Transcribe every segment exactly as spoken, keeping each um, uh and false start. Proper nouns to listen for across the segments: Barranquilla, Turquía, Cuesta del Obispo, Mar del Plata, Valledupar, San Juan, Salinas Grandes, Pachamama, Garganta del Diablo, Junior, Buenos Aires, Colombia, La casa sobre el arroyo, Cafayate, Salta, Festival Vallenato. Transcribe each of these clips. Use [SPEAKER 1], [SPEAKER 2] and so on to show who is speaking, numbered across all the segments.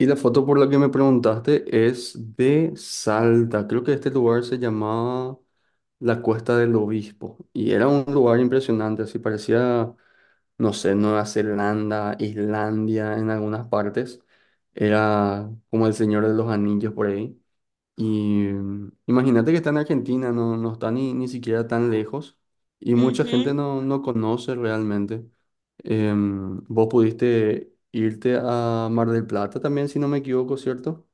[SPEAKER 1] Y la foto por la que me preguntaste es de Salta. Creo que este lugar se llamaba la Cuesta del Obispo. Y era un lugar impresionante, así parecía, no sé, Nueva Zelanda, Islandia en algunas partes. Era como el Señor de los Anillos por ahí. Y mm, Imagínate que está en Argentina, no no está ni, ni siquiera tan lejos y mucha
[SPEAKER 2] Ujú.
[SPEAKER 1] gente no, no conoce realmente. Em, vos pudiste irte a Mar del Plata también, si no me equivoco, ¿cierto?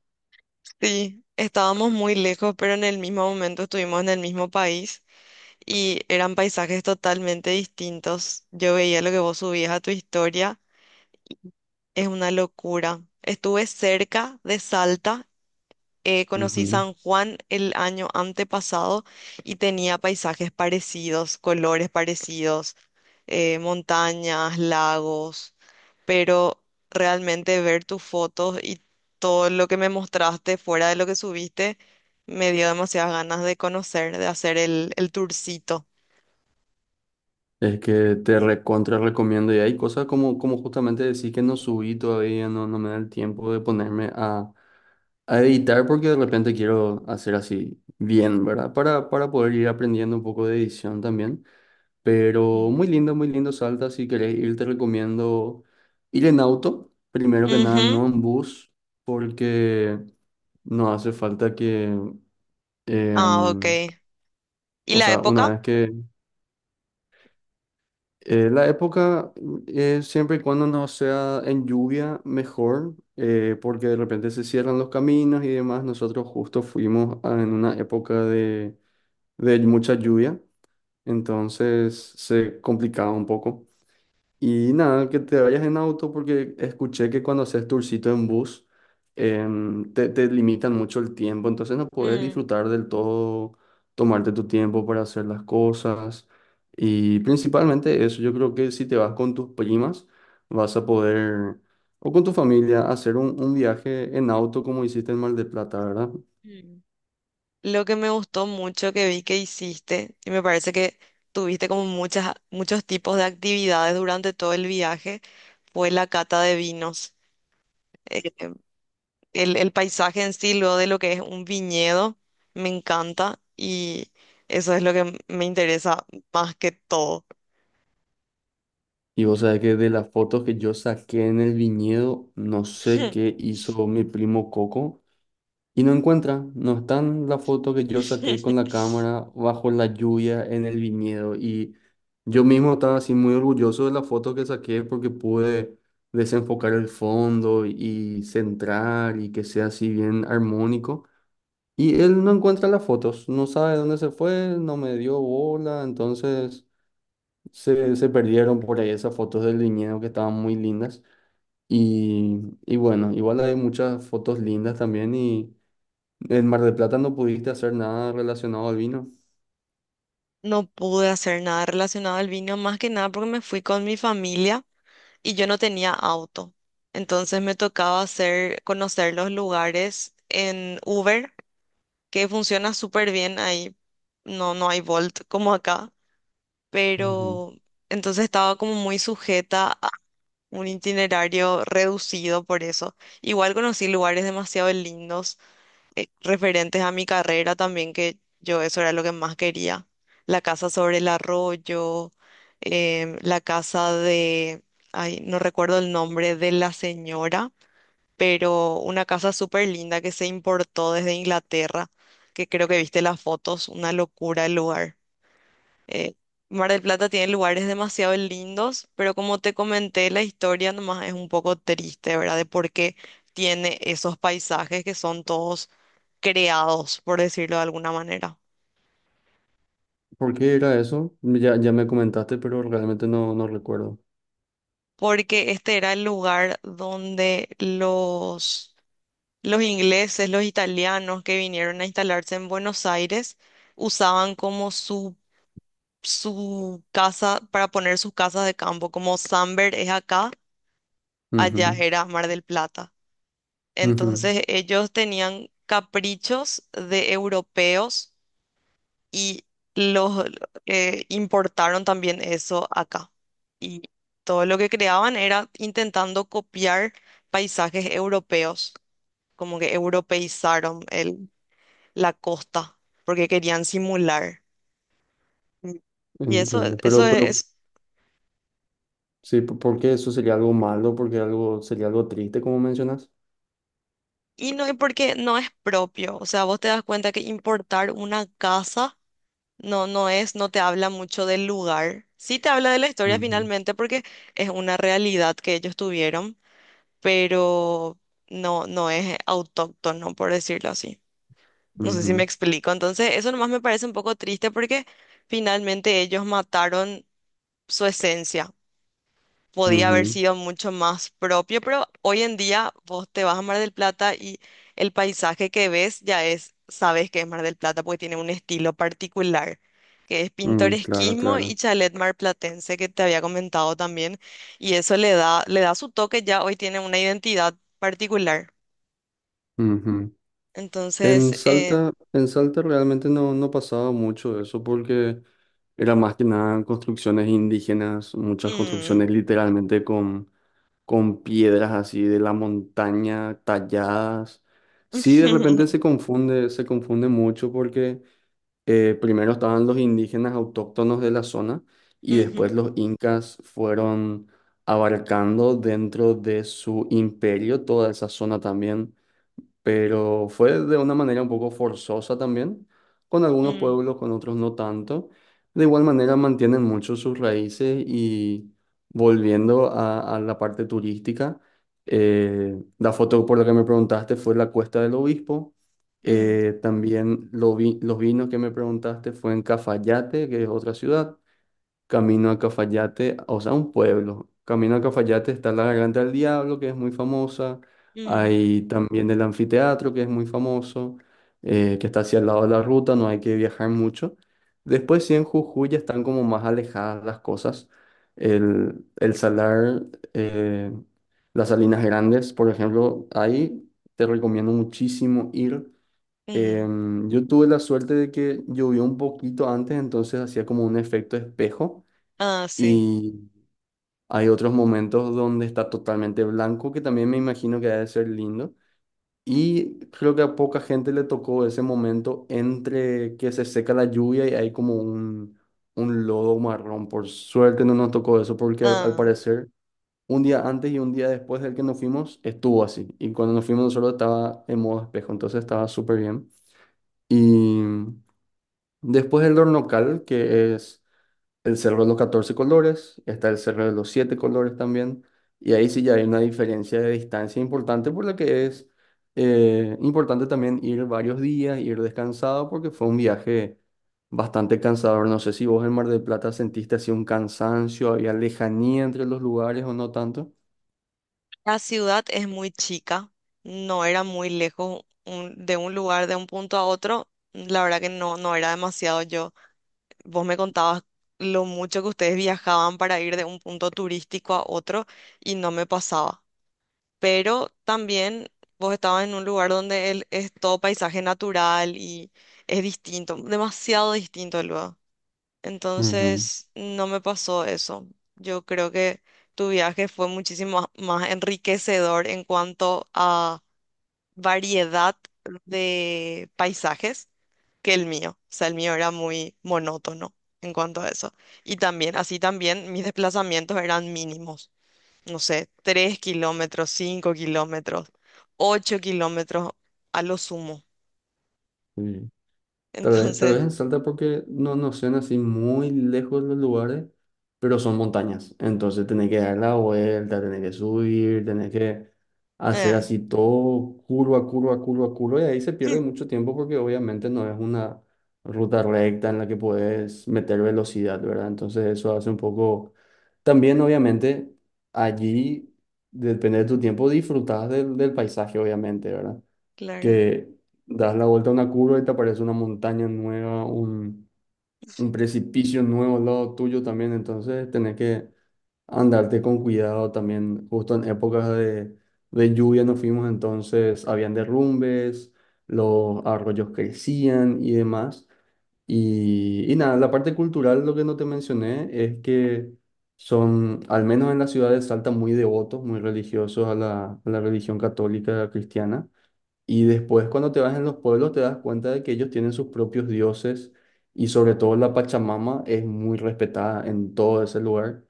[SPEAKER 2] Sí, estábamos muy lejos, pero en el mismo momento estuvimos en el mismo país y eran paisajes totalmente distintos. Yo veía lo que vos subías a tu historia, es una locura. Estuve cerca de Salta. Eh, conocí
[SPEAKER 1] Ujú.
[SPEAKER 2] San Juan el año antepasado y tenía paisajes parecidos, colores parecidos, eh, montañas, lagos, pero realmente ver tus fotos y todo lo que me mostraste fuera de lo que subiste me dio demasiadas ganas de conocer, de hacer el, el tourcito.
[SPEAKER 1] Es que te recontra recomiendo y hay cosas como, como justamente decir que no subí todavía, no no me da el tiempo de ponerme a, a editar porque de repente quiero hacer así bien, ¿verdad? Para, para poder ir aprendiendo un poco de edición también. Pero
[SPEAKER 2] Mm.
[SPEAKER 1] muy lindo, muy lindo Salta. Si querés ir, te recomiendo ir en auto, primero que nada,
[SPEAKER 2] Ujú.
[SPEAKER 1] no en bus, porque no hace falta que,
[SPEAKER 2] Ah, ok.
[SPEAKER 1] em,
[SPEAKER 2] ¿Y
[SPEAKER 1] o
[SPEAKER 2] la
[SPEAKER 1] sea, una
[SPEAKER 2] época?
[SPEAKER 1] vez que eh, la época, eh, siempre y cuando no sea en lluvia, mejor, eh, porque de repente se cierran los caminos y demás. Nosotros justo fuimos a- en una época de, de mucha lluvia, entonces se complicaba un poco. Y nada, que te vayas en auto porque escuché que cuando haces tourcito en bus em, te, te limitan mucho el tiempo, entonces no puedes
[SPEAKER 2] Mm.
[SPEAKER 1] disfrutar del todo, tomarte tu tiempo para hacer las cosas. Y principalmente eso, yo creo que si te vas con tus primas, vas a poder, o con tu familia, hacer un, un viaje en auto como hiciste en Mar del Plata, ¿verdad?
[SPEAKER 2] Mm. Lo que me gustó mucho que vi que hiciste, y me parece que tuviste como muchas, muchos tipos de actividades durante todo el viaje, fue la cata de vinos. Eh, el, el paisaje en sí, luego de lo que es un viñedo, me encanta, y eso es lo que me interesa más que todo.
[SPEAKER 1] Y vos sabés que de las fotos que yo saqué en el viñedo, no sé qué hizo mi primo Coco. Y no encuentra, no está en la foto que yo saqué con la cámara bajo la lluvia en el viñedo. Y yo mismo estaba así muy orgulloso de la foto que saqué porque pude desenfocar el fondo y centrar y que sea así bien armónico. Y él no encuentra las fotos, no sabe dónde se fue, no me dio bola, entonces se se perdieron por ahí esas fotos del viñedo que estaban muy lindas. Y, y bueno, igual hay muchas fotos lindas también y… En Mar del Plata no pudiste hacer nada relacionado al vino.
[SPEAKER 2] No pude hacer nada relacionado al vino, más que nada porque me fui con mi familia, y yo no tenía auto. Entonces me tocaba hacer, conocer los lugares en Uber, que funciona súper bien ahí. No, no hay Bolt como acá,
[SPEAKER 1] Ujú.
[SPEAKER 2] pero entonces estaba como muy sujeta a un itinerario reducido por eso. Igual conocí lugares demasiado lindos, eh, referentes a mi carrera también, que yo eso era lo que más quería. La casa sobre el arroyo, em, la casa de, ay, no recuerdo el nombre de la señora, pero una casa súper linda que se importó desde Inglaterra, que creo que viste las fotos, una locura el lugar. Eh, Mar del Plata tiene lugares demasiado lindos, pero como te comenté, la historia nomás es un poco triste, ¿verdad? De por qué tiene esos paisajes que son todos creados, por decirlo de alguna manera.
[SPEAKER 1] ¿Por qué era eso? Ya ya me comentaste, pero realmente no, no recuerdo.
[SPEAKER 2] Porque este era el lugar donde los, los ingleses, los italianos que vinieron a instalarse en Buenos Aires, usaban como su, su casa para poner sus casas de campo, como Samber es acá, allá
[SPEAKER 1] Ujú,
[SPEAKER 2] era Mar del Plata.
[SPEAKER 1] ujú.
[SPEAKER 2] Entonces ellos tenían caprichos de europeos, y los eh, importaron también eso acá. Y todo lo que creaban era intentando copiar paisajes europeos, como que europeizaron el, la costa porque querían simular. Mm. Y eso,
[SPEAKER 1] Entiendo.
[SPEAKER 2] eso
[SPEAKER 1] Pero,
[SPEAKER 2] es,
[SPEAKER 1] pero
[SPEAKER 2] es-
[SPEAKER 1] sí, ¿por ¿por qué eso sería algo malo? Porque algo sería algo triste, como mencionas.
[SPEAKER 2] y no es porque no es propio, o sea, vos te das cuenta que importar una casa, No, no es, no te habla mucho del lugar. Sí te habla de la historia
[SPEAKER 1] Ujú.
[SPEAKER 2] finalmente porque es una realidad que ellos tuvieron, pero no, no es autóctono, por decirlo así. No sé si me
[SPEAKER 1] Ujú,
[SPEAKER 2] explico. Entonces, eso nomás me parece un poco triste porque finalmente ellos mataron su esencia, podía haber
[SPEAKER 1] ujú.
[SPEAKER 2] sido mucho más propio, pero hoy en día vos te vas a Mar del Plata y el paisaje que ves ya es, sabes que es Mar del Plata porque tiene un estilo particular, que es
[SPEAKER 1] Mm, claro,
[SPEAKER 2] pintoresquismo y
[SPEAKER 1] claro.
[SPEAKER 2] chalet marplatense que te había comentado también, y eso le da, le da su toque, ya hoy tiene una identidad particular.
[SPEAKER 1] Ujú. En
[SPEAKER 2] Entonces, eh,
[SPEAKER 1] Salta, en Salta realmente no no pasaba mucho eso porque era más que nada construcciones indígenas, muchas
[SPEAKER 2] mm.
[SPEAKER 1] construcciones literalmente con con piedras así de la montaña talladas. Sí, de repente se confunde, se confunde mucho porque eh, primero estaban los indígenas autóctonos de la zona y después
[SPEAKER 2] Ujú.
[SPEAKER 1] los incas fueron abarcando dentro de su imperio toda esa zona también, pero fue de una manera un poco forzosa también, con algunos
[SPEAKER 2] Mm.
[SPEAKER 1] pueblos, con otros no tanto. De igual manera mantienen mucho sus raíces y volviendo a, a la parte turística, eh, la foto por la que me preguntaste fue la Cuesta del Obispo.
[SPEAKER 2] Mm.
[SPEAKER 1] Eh, también lo vi- los vinos que me preguntaste fue en Cafayate, que es otra ciudad. Camino a Cafayate, o sea, un pueblo. Camino a Cafayate está la Garganta del Diablo, que es muy famosa.
[SPEAKER 2] Mm.
[SPEAKER 1] Hay también el anfiteatro, que es muy famoso, eh, que está hacia el lado de la ruta, no hay que viajar mucho. Después, sí, en Jujuy ya están como más alejadas las cosas. El, el salar, eh, las Salinas Grandes, por ejemplo, ahí te recomiendo muchísimo ir.
[SPEAKER 2] Mm.
[SPEAKER 1] Em, yo tuve la suerte de que llovió un poquito antes, entonces hacía como un efecto espejo,
[SPEAKER 2] Ah, sí.
[SPEAKER 1] y hay otros momentos donde está totalmente blanco, que también me imagino que debe ser lindo. Y creo que a poca gente le tocó ese momento entre que se seca la lluvia y hay como un, un lodo marrón. Por suerte no nos tocó eso, porque al, al
[SPEAKER 2] Ah.
[SPEAKER 1] parecer un día antes y un día después del que nos fuimos estuvo así. Y cuando nos fuimos nosotros estaba en modo espejo, entonces estaba súper bien. Y después el local, que es el cerro de los catorce colores, está el cerro de los siete colores también, y ahí sí ya hay una diferencia de distancia importante, por lo que es eh, importante también ir varios días, ir descansado, porque fue un viaje bastante cansador. No sé si vos en Mar del Plata sentiste así un cansancio, había lejanía entre los lugares o no tanto.
[SPEAKER 2] La ciudad es muy chica, no era muy lejos un- de un lugar, de un punto a otro. La verdad que no, no era demasiado yo. Vos me contabas lo mucho que ustedes viajaban para ir de un punto turístico a otro y no me pasaba. Pero también vos estabas en un lugar donde el- es todo paisaje natural y es distinto, demasiado distinto luego.
[SPEAKER 1] Ujú,
[SPEAKER 2] Entonces, no me pasó eso. Yo creo que tu viaje fue muchísimo más más enriquecedor en cuanto a variedad de paisajes que el mío. O sea, el mío era muy monótono en cuanto a eso. Y también, así también, mis desplazamientos eran mínimos. No sé, tres kilómetros, cinco kilómetros, ocho kilómetros a lo sumo.
[SPEAKER 1] sí. Tal vez, tal vez
[SPEAKER 2] Entonces,
[SPEAKER 1] en Salta porque no no sean así muy lejos los lugares, pero son montañas. Entonces tenés que dar la vuelta, tenés que subir, tenés que hacer
[SPEAKER 2] eh,
[SPEAKER 1] así todo curva, curva, curva, curva. Y ahí se pierde mucho tiempo porque obviamente no es una ruta recta en la que puedes meter velocidad, ¿verdad? Entonces eso hace un poco… También obviamente allí, depende de tu tiempo, disfrutas del del paisaje, obviamente, ¿verdad?
[SPEAKER 2] claro,
[SPEAKER 1] Que das la vuelta a una curva y te aparece una montaña nueva, un, un precipicio nuevo al lado tuyo también, entonces tenés que andarte con cuidado también, justo en épocas de, de lluvia nos fuimos, entonces habían derrumbes, los arroyos crecían y demás. Y, y nada, la parte cultural, lo que no te mencioné es que son, al menos en la ciudad de Salta, muy devotos, muy religiosos a la, a la religión católica cristiana. Y después cuando te vas en los pueblos te das cuenta de que ellos tienen sus propios dioses, y sobre todo la Pachamama es muy respetada en todo ese lugar.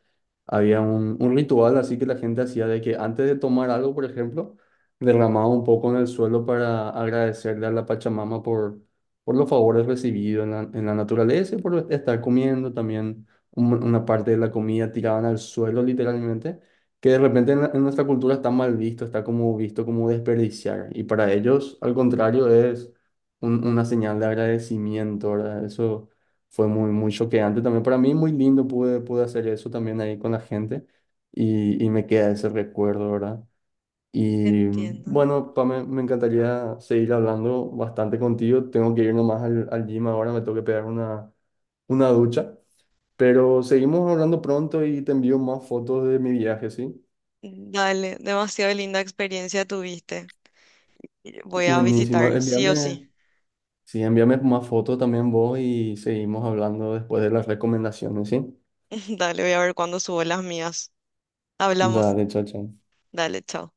[SPEAKER 1] Había un, un ritual así que la gente hacía de que antes de tomar algo, por ejemplo, derramaba un poco en el suelo para agradecerle a la Pachamama por, por los favores recibidos en la, en la naturaleza, y por estar comiendo también un- una parte de la comida tiraban al suelo literalmente, que de repente en, la- en nuestra cultura está mal visto, está como visto como desperdiciar. Y para ellos, al contrario, es un- una señal de agradecimiento, ¿verdad? Eso fue muy, muy choqueante también. Para mí, muy lindo, pude pude hacer eso también ahí con la gente, y, y me queda ese recuerdo, ¿verdad? Y
[SPEAKER 2] entiendo.
[SPEAKER 1] bueno, Pame, me encantaría seguir hablando bastante contigo. Tengo que ir nomás al al gym ahora, me tengo que pegar una, una ducha. Pero seguimos hablando pronto y te envío más fotos de mi viaje, ¿sí?
[SPEAKER 2] Dale, demasiado linda experiencia tuviste. Voy a
[SPEAKER 1] Buenísimo.
[SPEAKER 2] visitar, sí o
[SPEAKER 1] Envíame,
[SPEAKER 2] sí.
[SPEAKER 1] sí, envíame más fotos también vos y seguimos hablando después de las recomendaciones, ¿sí?
[SPEAKER 2] Dale, voy a ver cuándo subo las mías. Hablamos.
[SPEAKER 1] Dale, chao, chao.
[SPEAKER 2] Dale, chao.